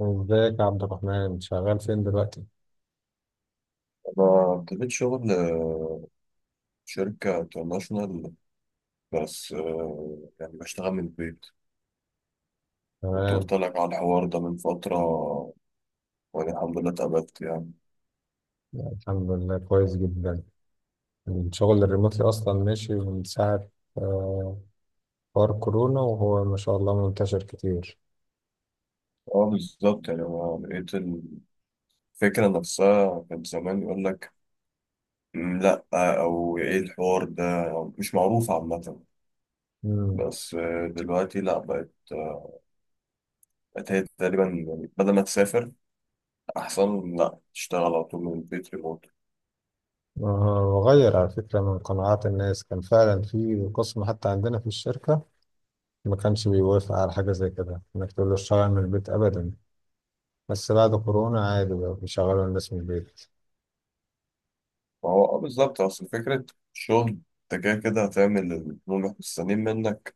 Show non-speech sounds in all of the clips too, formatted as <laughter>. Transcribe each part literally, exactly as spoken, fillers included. ازيك يا عبد الرحمن شغال فين دلوقتي؟ أنا ابتديت شغل آه، شركة انترناشونال. بس آه، يعني بشتغل من البيت. كنت تمام. قلت لك على الحوار ده من فترة، وأنا الحمد لله اتقبلت يعني. الحمد لله كويس جدا. الشغل الريموتلي أصلا ماشي من ساعة آه، حوار كورونا وهو ما شاء الله منتشر كتير. اه، بالظبط يعني أنا لقيت الفكرة نفسها. كان زمان يقول لك: "مم، لأ، أو إيه الحوار ده، مش معروف عامة." مم. بس آه، دلوقتي لأ، بقت آه، بقت هي تقريبا يعني، بدل ما تسافر أحسن لأ تشتغل على طول من البيت ريموت. آه، وغير على فكرة من قناعات الناس كان فعلا في قسم حتى عندنا في الشركة ما كانش بيوافق على حاجة زي كده إنك تقول له اشتغل من البيت أبدا. بس بعد كورونا عادي بقى بيشغلوا الناس من البيت. ما هو اه، بالظبط. اصل فكرة الشغل، انت كده كده هتعمل اللي هم مستنيين منك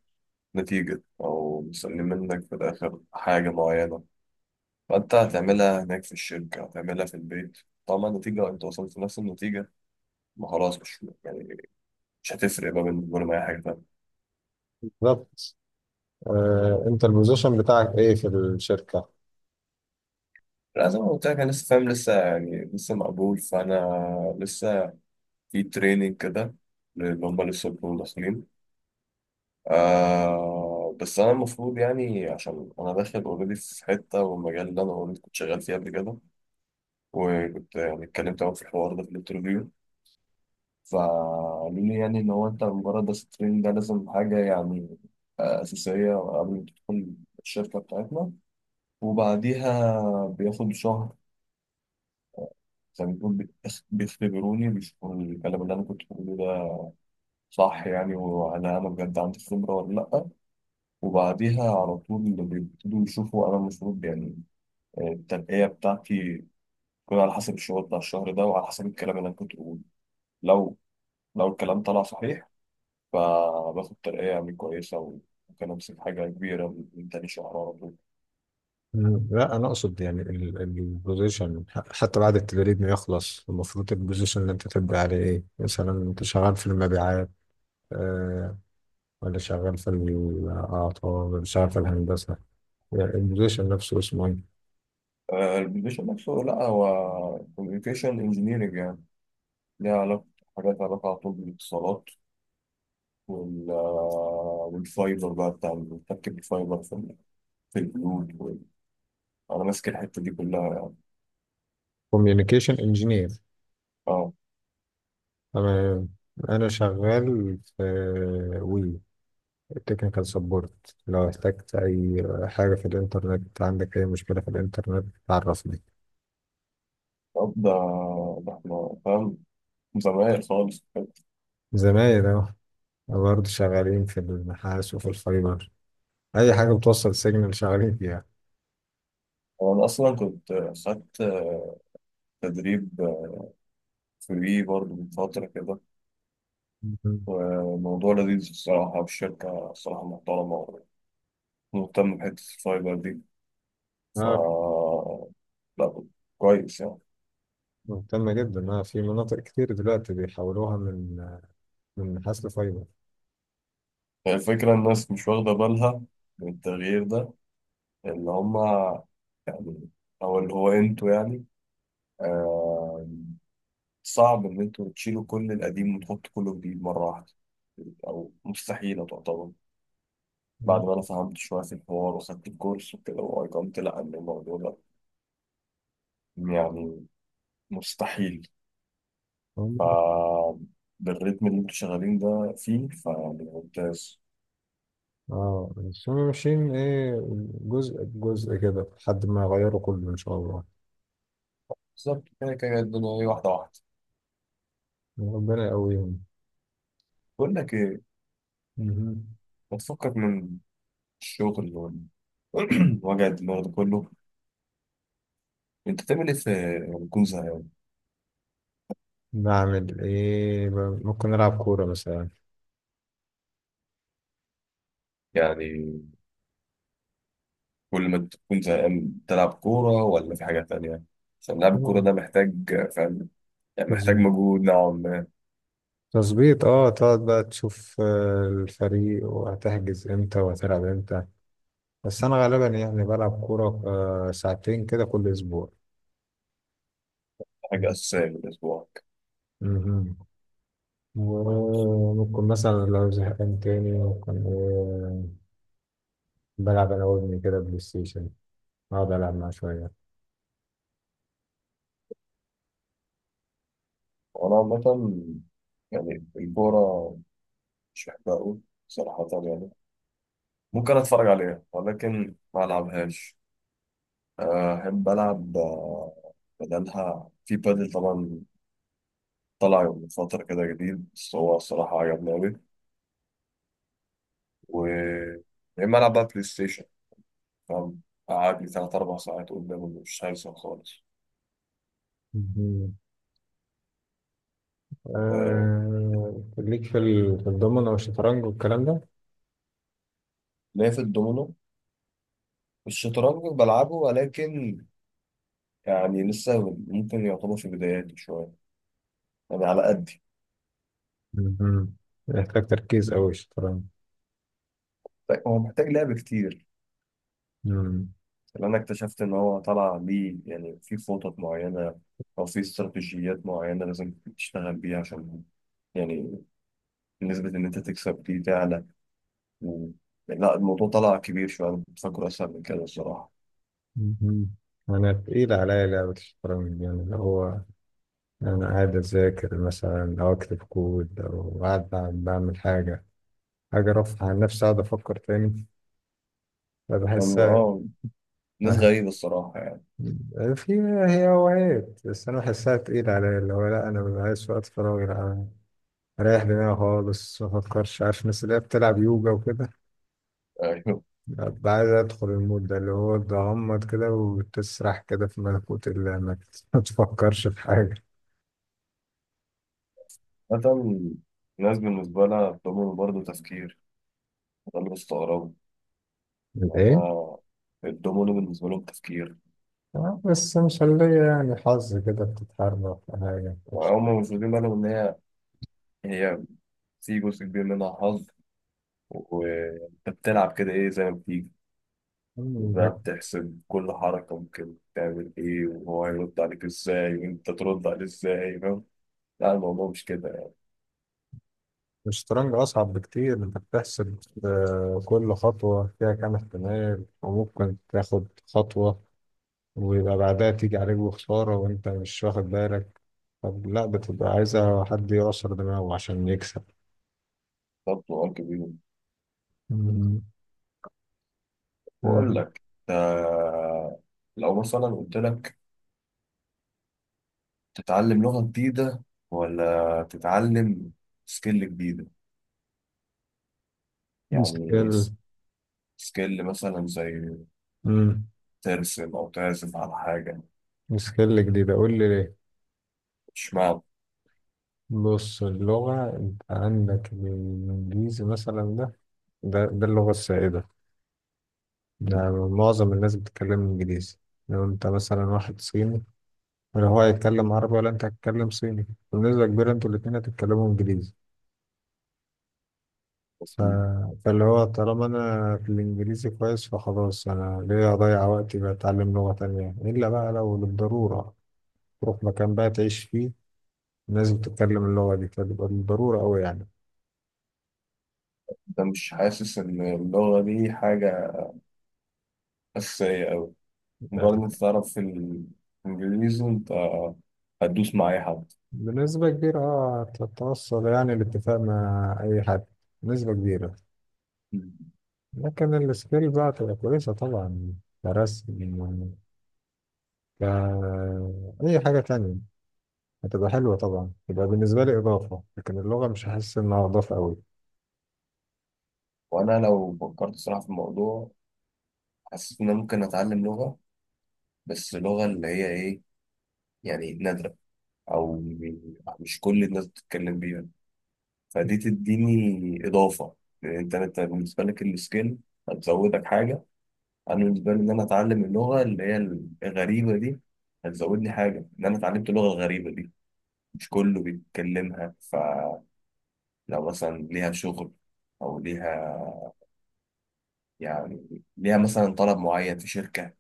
نتيجة، او مستنيين منك في الاخر حاجة معينة. فانت هتعملها هناك في الشركة، هتعملها في البيت. طبعا النتيجة، انت وصلت لنفس النتيجة. ما خلاص، مش يعني، مش هتفرق بقى بالنسبة لهم اي حاجة تانية. بالظبط. آه، انت البوزيشن بتاعك ايه في الشركة؟ لا، زي ما قلت لك، انا لسه فاهم، لسه يعني لسه مقبول، فانا لسه في تريننج كده اللي هم لسه بيكونوا داخلين. آه، بس انا المفروض يعني عشان انا داخل اوريدي في حته، والمجال اللي انا اوريدي كنت شغال فيه قبل كده، وكنت يعني اتكلمت معاهم في الحوار ده في الانترفيو، فقالوا لي يعني ان هو انت مجرد بس التريننج ده لازم حاجه يعني آه، اساسيه قبل ما تدخل الشركه بتاعتنا. وبعديها بياخد شهر، زي ما بيكون بيخ- بيختبروني، بيشوفوا الكلام اللي انا كنت بقوله ده صح يعني، وهل انا بجد عندي خبره ولا لا. وبعديها على طول بيبتدوا يشوفوا انا المفروض يعني التنقية بتاعتي تكون على حسب الشغل بتاع الشهر ده وعلى حسب الكلام اللي أنا كنت بقوله. لو لو الكلام طلع صحيح، فباخد ترقية يعني كويسة، وممكن أمسك حاجة كبيرة من تاني شهر على طول. مم. لا انا اقصد يعني البوزيشن، حتى بعد التدريب ما يخلص المفروض البوزيشن اللي انت تبقى عليه ايه، مثلا انت شغال في المبيعات آه ولا شغال في الاعطاء ولا شغال في الهندسه؟ يعني البوزيشن نفسه اسمه ايه؟ آه، البوزيشن نفسه، لا هو كوميونيكيشن انجينيرنج يعني، ليها علاقة، حاجات لها علاقة على طول بالاتصالات. وال آه، والفايبر بقى بتاع مركب الفايبر في ال- في البيوت وال- أنا ماسك الحتة دي كلها يعني. كوميونيكيشن انجينير. اه، تمام. أنا شغال في وي التكنيكال سبورت، لو احتجت أي حاجة في الإنترنت، عندك أي مشكلة في الإنترنت تعرفني. طب ده ده احنا فاهم، زمايل خالص. زمايل أهو، برضه شغالين في النحاس وفي الفايبر، أي حاجة بتوصل سيجنال شغالين فيها. هو أنا أصلا كنت خدت تدريب فري برضه من فترة كده، مهم. وموضوع لذيذ الصراحة، والشركة الصراحة محترمة ومهتمة بحتة الفايبر دي. ف آه. لا، كويس يعني. مهتمة جدا آه في مناطق كتير دلوقتي بيحولوها من من نحاس لفايبر. هي الفكرة، الناس مش واخدة بالها من التغيير ده اللي هما يعني، أو اللي هو أنتوا يعني، آه، صعب إن أنتوا تشيلوا كل القديم وتحطوا كله جديد مرة واحدة، أو مستحيلة تعتبر. مم. بعد ما انا فهمت شويه في الحوار وخدت الكورس وكده، وايقنت لا ان الموضوع ده يعني مستحيل. هم- ف بالريتم اللي انتوا شغالين ده فيه، فيعني ممتاز. اه بس هم ماشيين إيه، جزء بجزء كده لحد ما يغيروا كله إن شاء الله. بالظبط، كده كده الدنيا ايه، واحده واحده. ربنا يقويهم. بقول لك ايه، مهم. ما تفكك من الشغل وال <clears throat> وجع الدماغ ده كله، انت تعمل ايه في لما تكون زهقان؟ بعمل ايه؟ ب- ممكن نلعب كورة مثلا. يعني كل ما تكون زهقان تلعب كوره ولا في حاجه تانية؟ عشان لعب الكوره آه. ده محتاج، فاهم؟ يعني محتاج تظبيط. مجهود نوعا ما، تظبيط، اه تقعد بقى تشوف آه، الفريق وهتحجز امتى وهتلعب امتى. بس انا غالبا يعني بلعب كورة آه، ساعتين كده كل اسبوع. حاجه اساسيه في الاسبوع. مهم. وممكن مثلا لو زهقان تاني ممكن، آه، بلعب انا وابني كده بلاي ستيشن، اقعد العب معاه شوية. وأنا عامة يعني الكورة مش بحبها أوي صراحة يعني، ممكن أتفرج عليها ولكن ما ألعبهاش. آه، أحب ألعب آه، بدلها في بادل طبعا، طلع من فترة كده جديد بس هو الصراحة عجبني أوي. و يا إما ألعب بقى بلاي ستيشن، فاهم؟ قعد لي تلات أربع ساعات قدامه مش هيحصل خالص. مهم. مهم. آه، آه، ليك في ال- في الضمنة والشطرنج والكلام ده؟ ليا في الدومينو. الشطرنج بلعبه ولكن يعني لسه، ممكن يعتبر في بداياتي شوية يعني، على قد. مهم. يحتاج تركيز أوي الشطرنج. طيب هو محتاج لعب كتير، مم. لأن أنا اكتشفت إن هو طلع ليه يعني في خطط معينة أو في استراتيجيات معينة لازم تشتغل بيها عشان يعني، نسبة إن أنت تكسب دي تعلى. و... لا الموضوع طلع كبير شوية، أنا كنت فاكره أسهل من كده الصراحة. مهم. أنا تقيل عليا لعبة الشطرنج دي، يعني اللي هو أنا قاعد أذاكر مثلا أو أكتب كود أو قاعد بعمل بعمل حاجة، حاجة رفع عن نفسي أقعد أفكر تاني، أنا- فبحسها آه ناس غريبة الصراحة يعني. في. هي هوايات بس أنا بحسها تقيلة عليا، اللي هو لأ أنا ببقى عايز وقت فراغي، لأ، أنا أريح دماغي خالص مفكرش، عارف الناس اللي هي بتلعب يوجا وكده، أيوه، أبقى عايز أدخل المود ده اللي هو تغمض كده وتسرح كده في ملكوت الله ما <laughs> تفكرش في حاجة. مثلا ناس بالنسبة لها الدومينو برضه تفكير. ده اللي بستغربه. ايه؟ ده الدومينو بالنسبة لهم تفكير. آه، بس مش اللي يعني حظ كده بتتحرك في حاجة؟ وهم مش واخدين بالهم إن هي هي في جزء كبير منها حظ، وانت بتلعب كده، ايه زي ما بتيجي. ده بقى بتحسب كل حركة ممكن تعمل ايه، وهو هيرد عليك ازاي، وانت ترد عليه ازاي، فاهم؟ لا، الموضوع مش كده يعني، الشطرنج أصعب بكتير، أنت بتحسب آه، كل خطوة فيها كام احتمال، وممكن تاخد خطوة ويبقى بعدها تيجي عليك بخسارة وأنت مش واخد بالك. طب لا، بتبقى عايزة حد يعصر دماغه عشان يكسب. برضه كبير. مم. آه، بقول لك، ده لو مثلا قلت لك تتعلم لغة جديدة ولا تتعلم سكيل جديدة، يعني مشكلة. س- سكيل مثلا زي مم. ترسم أو تعزف على حاجة. سكيل جديدة قول لي ليه. مش معنى بص اللغة، انت عندك الإنجليزي مثلا، ده، ده, ده اللغة السائدة، ده معظم الناس بتتكلم إنجليزي. لو انت مثلا واحد صيني، ولا هو هيتكلم عربي ولا انت هتتكلم صيني، بنسبة كبيرة انتوا الاتنين هتتكلموا إنجليزي. ف... فاللي هو طالما أنا في الإنجليزي كويس فخلاص، أنا ليه أضيع وقتي بتعلم لغة تانية إلا بقى لو للضرورة، تروح مكان بقى تعيش فيه ناس بتتكلم اللغة دي فتبقى بالضرورة أوي. ده، مش حاسس إن اللغة دي حاجة أساسية أوي؟ مجرد إن يعني أنت تعرف في الإنجليزي، أنت هتدوس مع أي حد. بنسبة كبيرة اه تتوصل يعني الاتفاق مع أي حد بنسبة كبيرة. مم. لكن السكيل بقى تبقى كويسة طبعا، كرسم، ك أي حاجة تانية، هتبقى حلوة طبعا، تبقى بالنسبة لي إضافة، لكن اللغة مش هحس إنها إضافة أوي. وأنا لو فكرت صراحة في الموضوع، حسيت إن أنا ممكن أتعلم لغة، بس لغة اللي هي إيه، يعني نادرة أو مش كل الناس بتتكلم بيها، فدي تديني إضافة. لأن أنت أنت بالنسبة لك السكيل هتزودك حاجة. أنا بالنسبة لي، إن أنا أتعلم اللغة اللي هي الغريبة دي هتزودني حاجة، إن أنا اتعلمت لغة غريبة دي مش كله بيتكلمها. لو مثلا ليها شغل، او ليها يعني ليها مثلا طلب معين في شركة،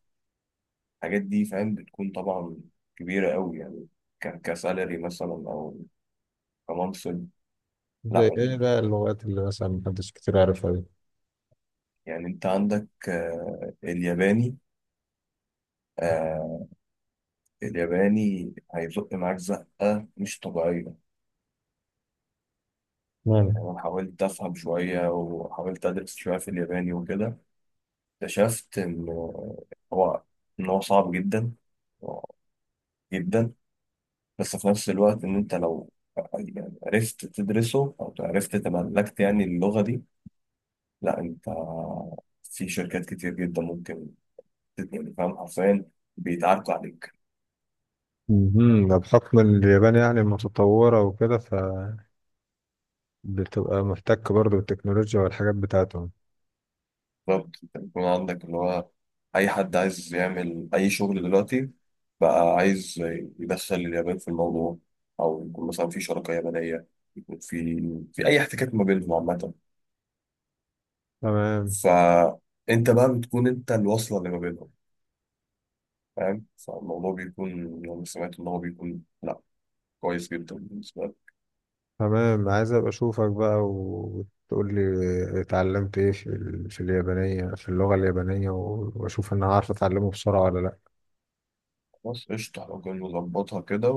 الحاجات دي فاهم بتكون طبعا كبيرة قوي يعني، ك- كسالري مثلا، او كمنصب. زي لا إيه بقى اللغات اللي مثلا محدش كتير عارفها دي؟ يعني، انت عندك آه، الياباني. آه، الياباني هيزق معاك زقة مش طبيعية. مم. يعني أنا حاولت أفهم شوية وحاولت أدرس شوية في الياباني وكده، اكتشفت إن هو إن هو صعب جدا جدا. بس في نفس الوقت إن أنت لو يعني عرفت تدرسه أو عرفت تملكت يعني اللغة دي، لا أنت في شركات كتير جدا ممكن تت- يعني فاهم حرفيا بيتعاركوا عليك. مهم. ده بحكم إن اليابان يعني متطورة وكده، فبتبقى محتك برضه بالتكنولوجيا والحاجات بتاعتهم. بالظبط، أنت بيكون عندك اللي هو أي حد عايز يعمل أي شغل دلوقتي بقى عايز يدخل اليابان في الموضوع، أو يكون مثلا في شراكة يابانية، يكون في في أي احتكاك ما بينهم عامة. تمام. فأنت بقى بتكون أنت الوصلة اللي ما بينهم، فاهم؟ فالموضوع بيكون يعني سمعت إن هو بيكون لأ، كويس جدا بالنسبة لك. تمام، عايز ابقى اشوفك بقى وتقول لي اتعلمت ايه في ال- في اليابانية، في اللغة اليابانية و- واشوف انا عارف اتعلمه بسرعة ولا لا. خلاص، قشطة لو كان نظبطها كده،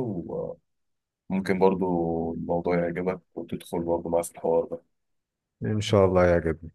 وممكن برضو الموضوع يعجبك وتدخل برضو معاه في الحوار ده. ان شاء الله يا جد.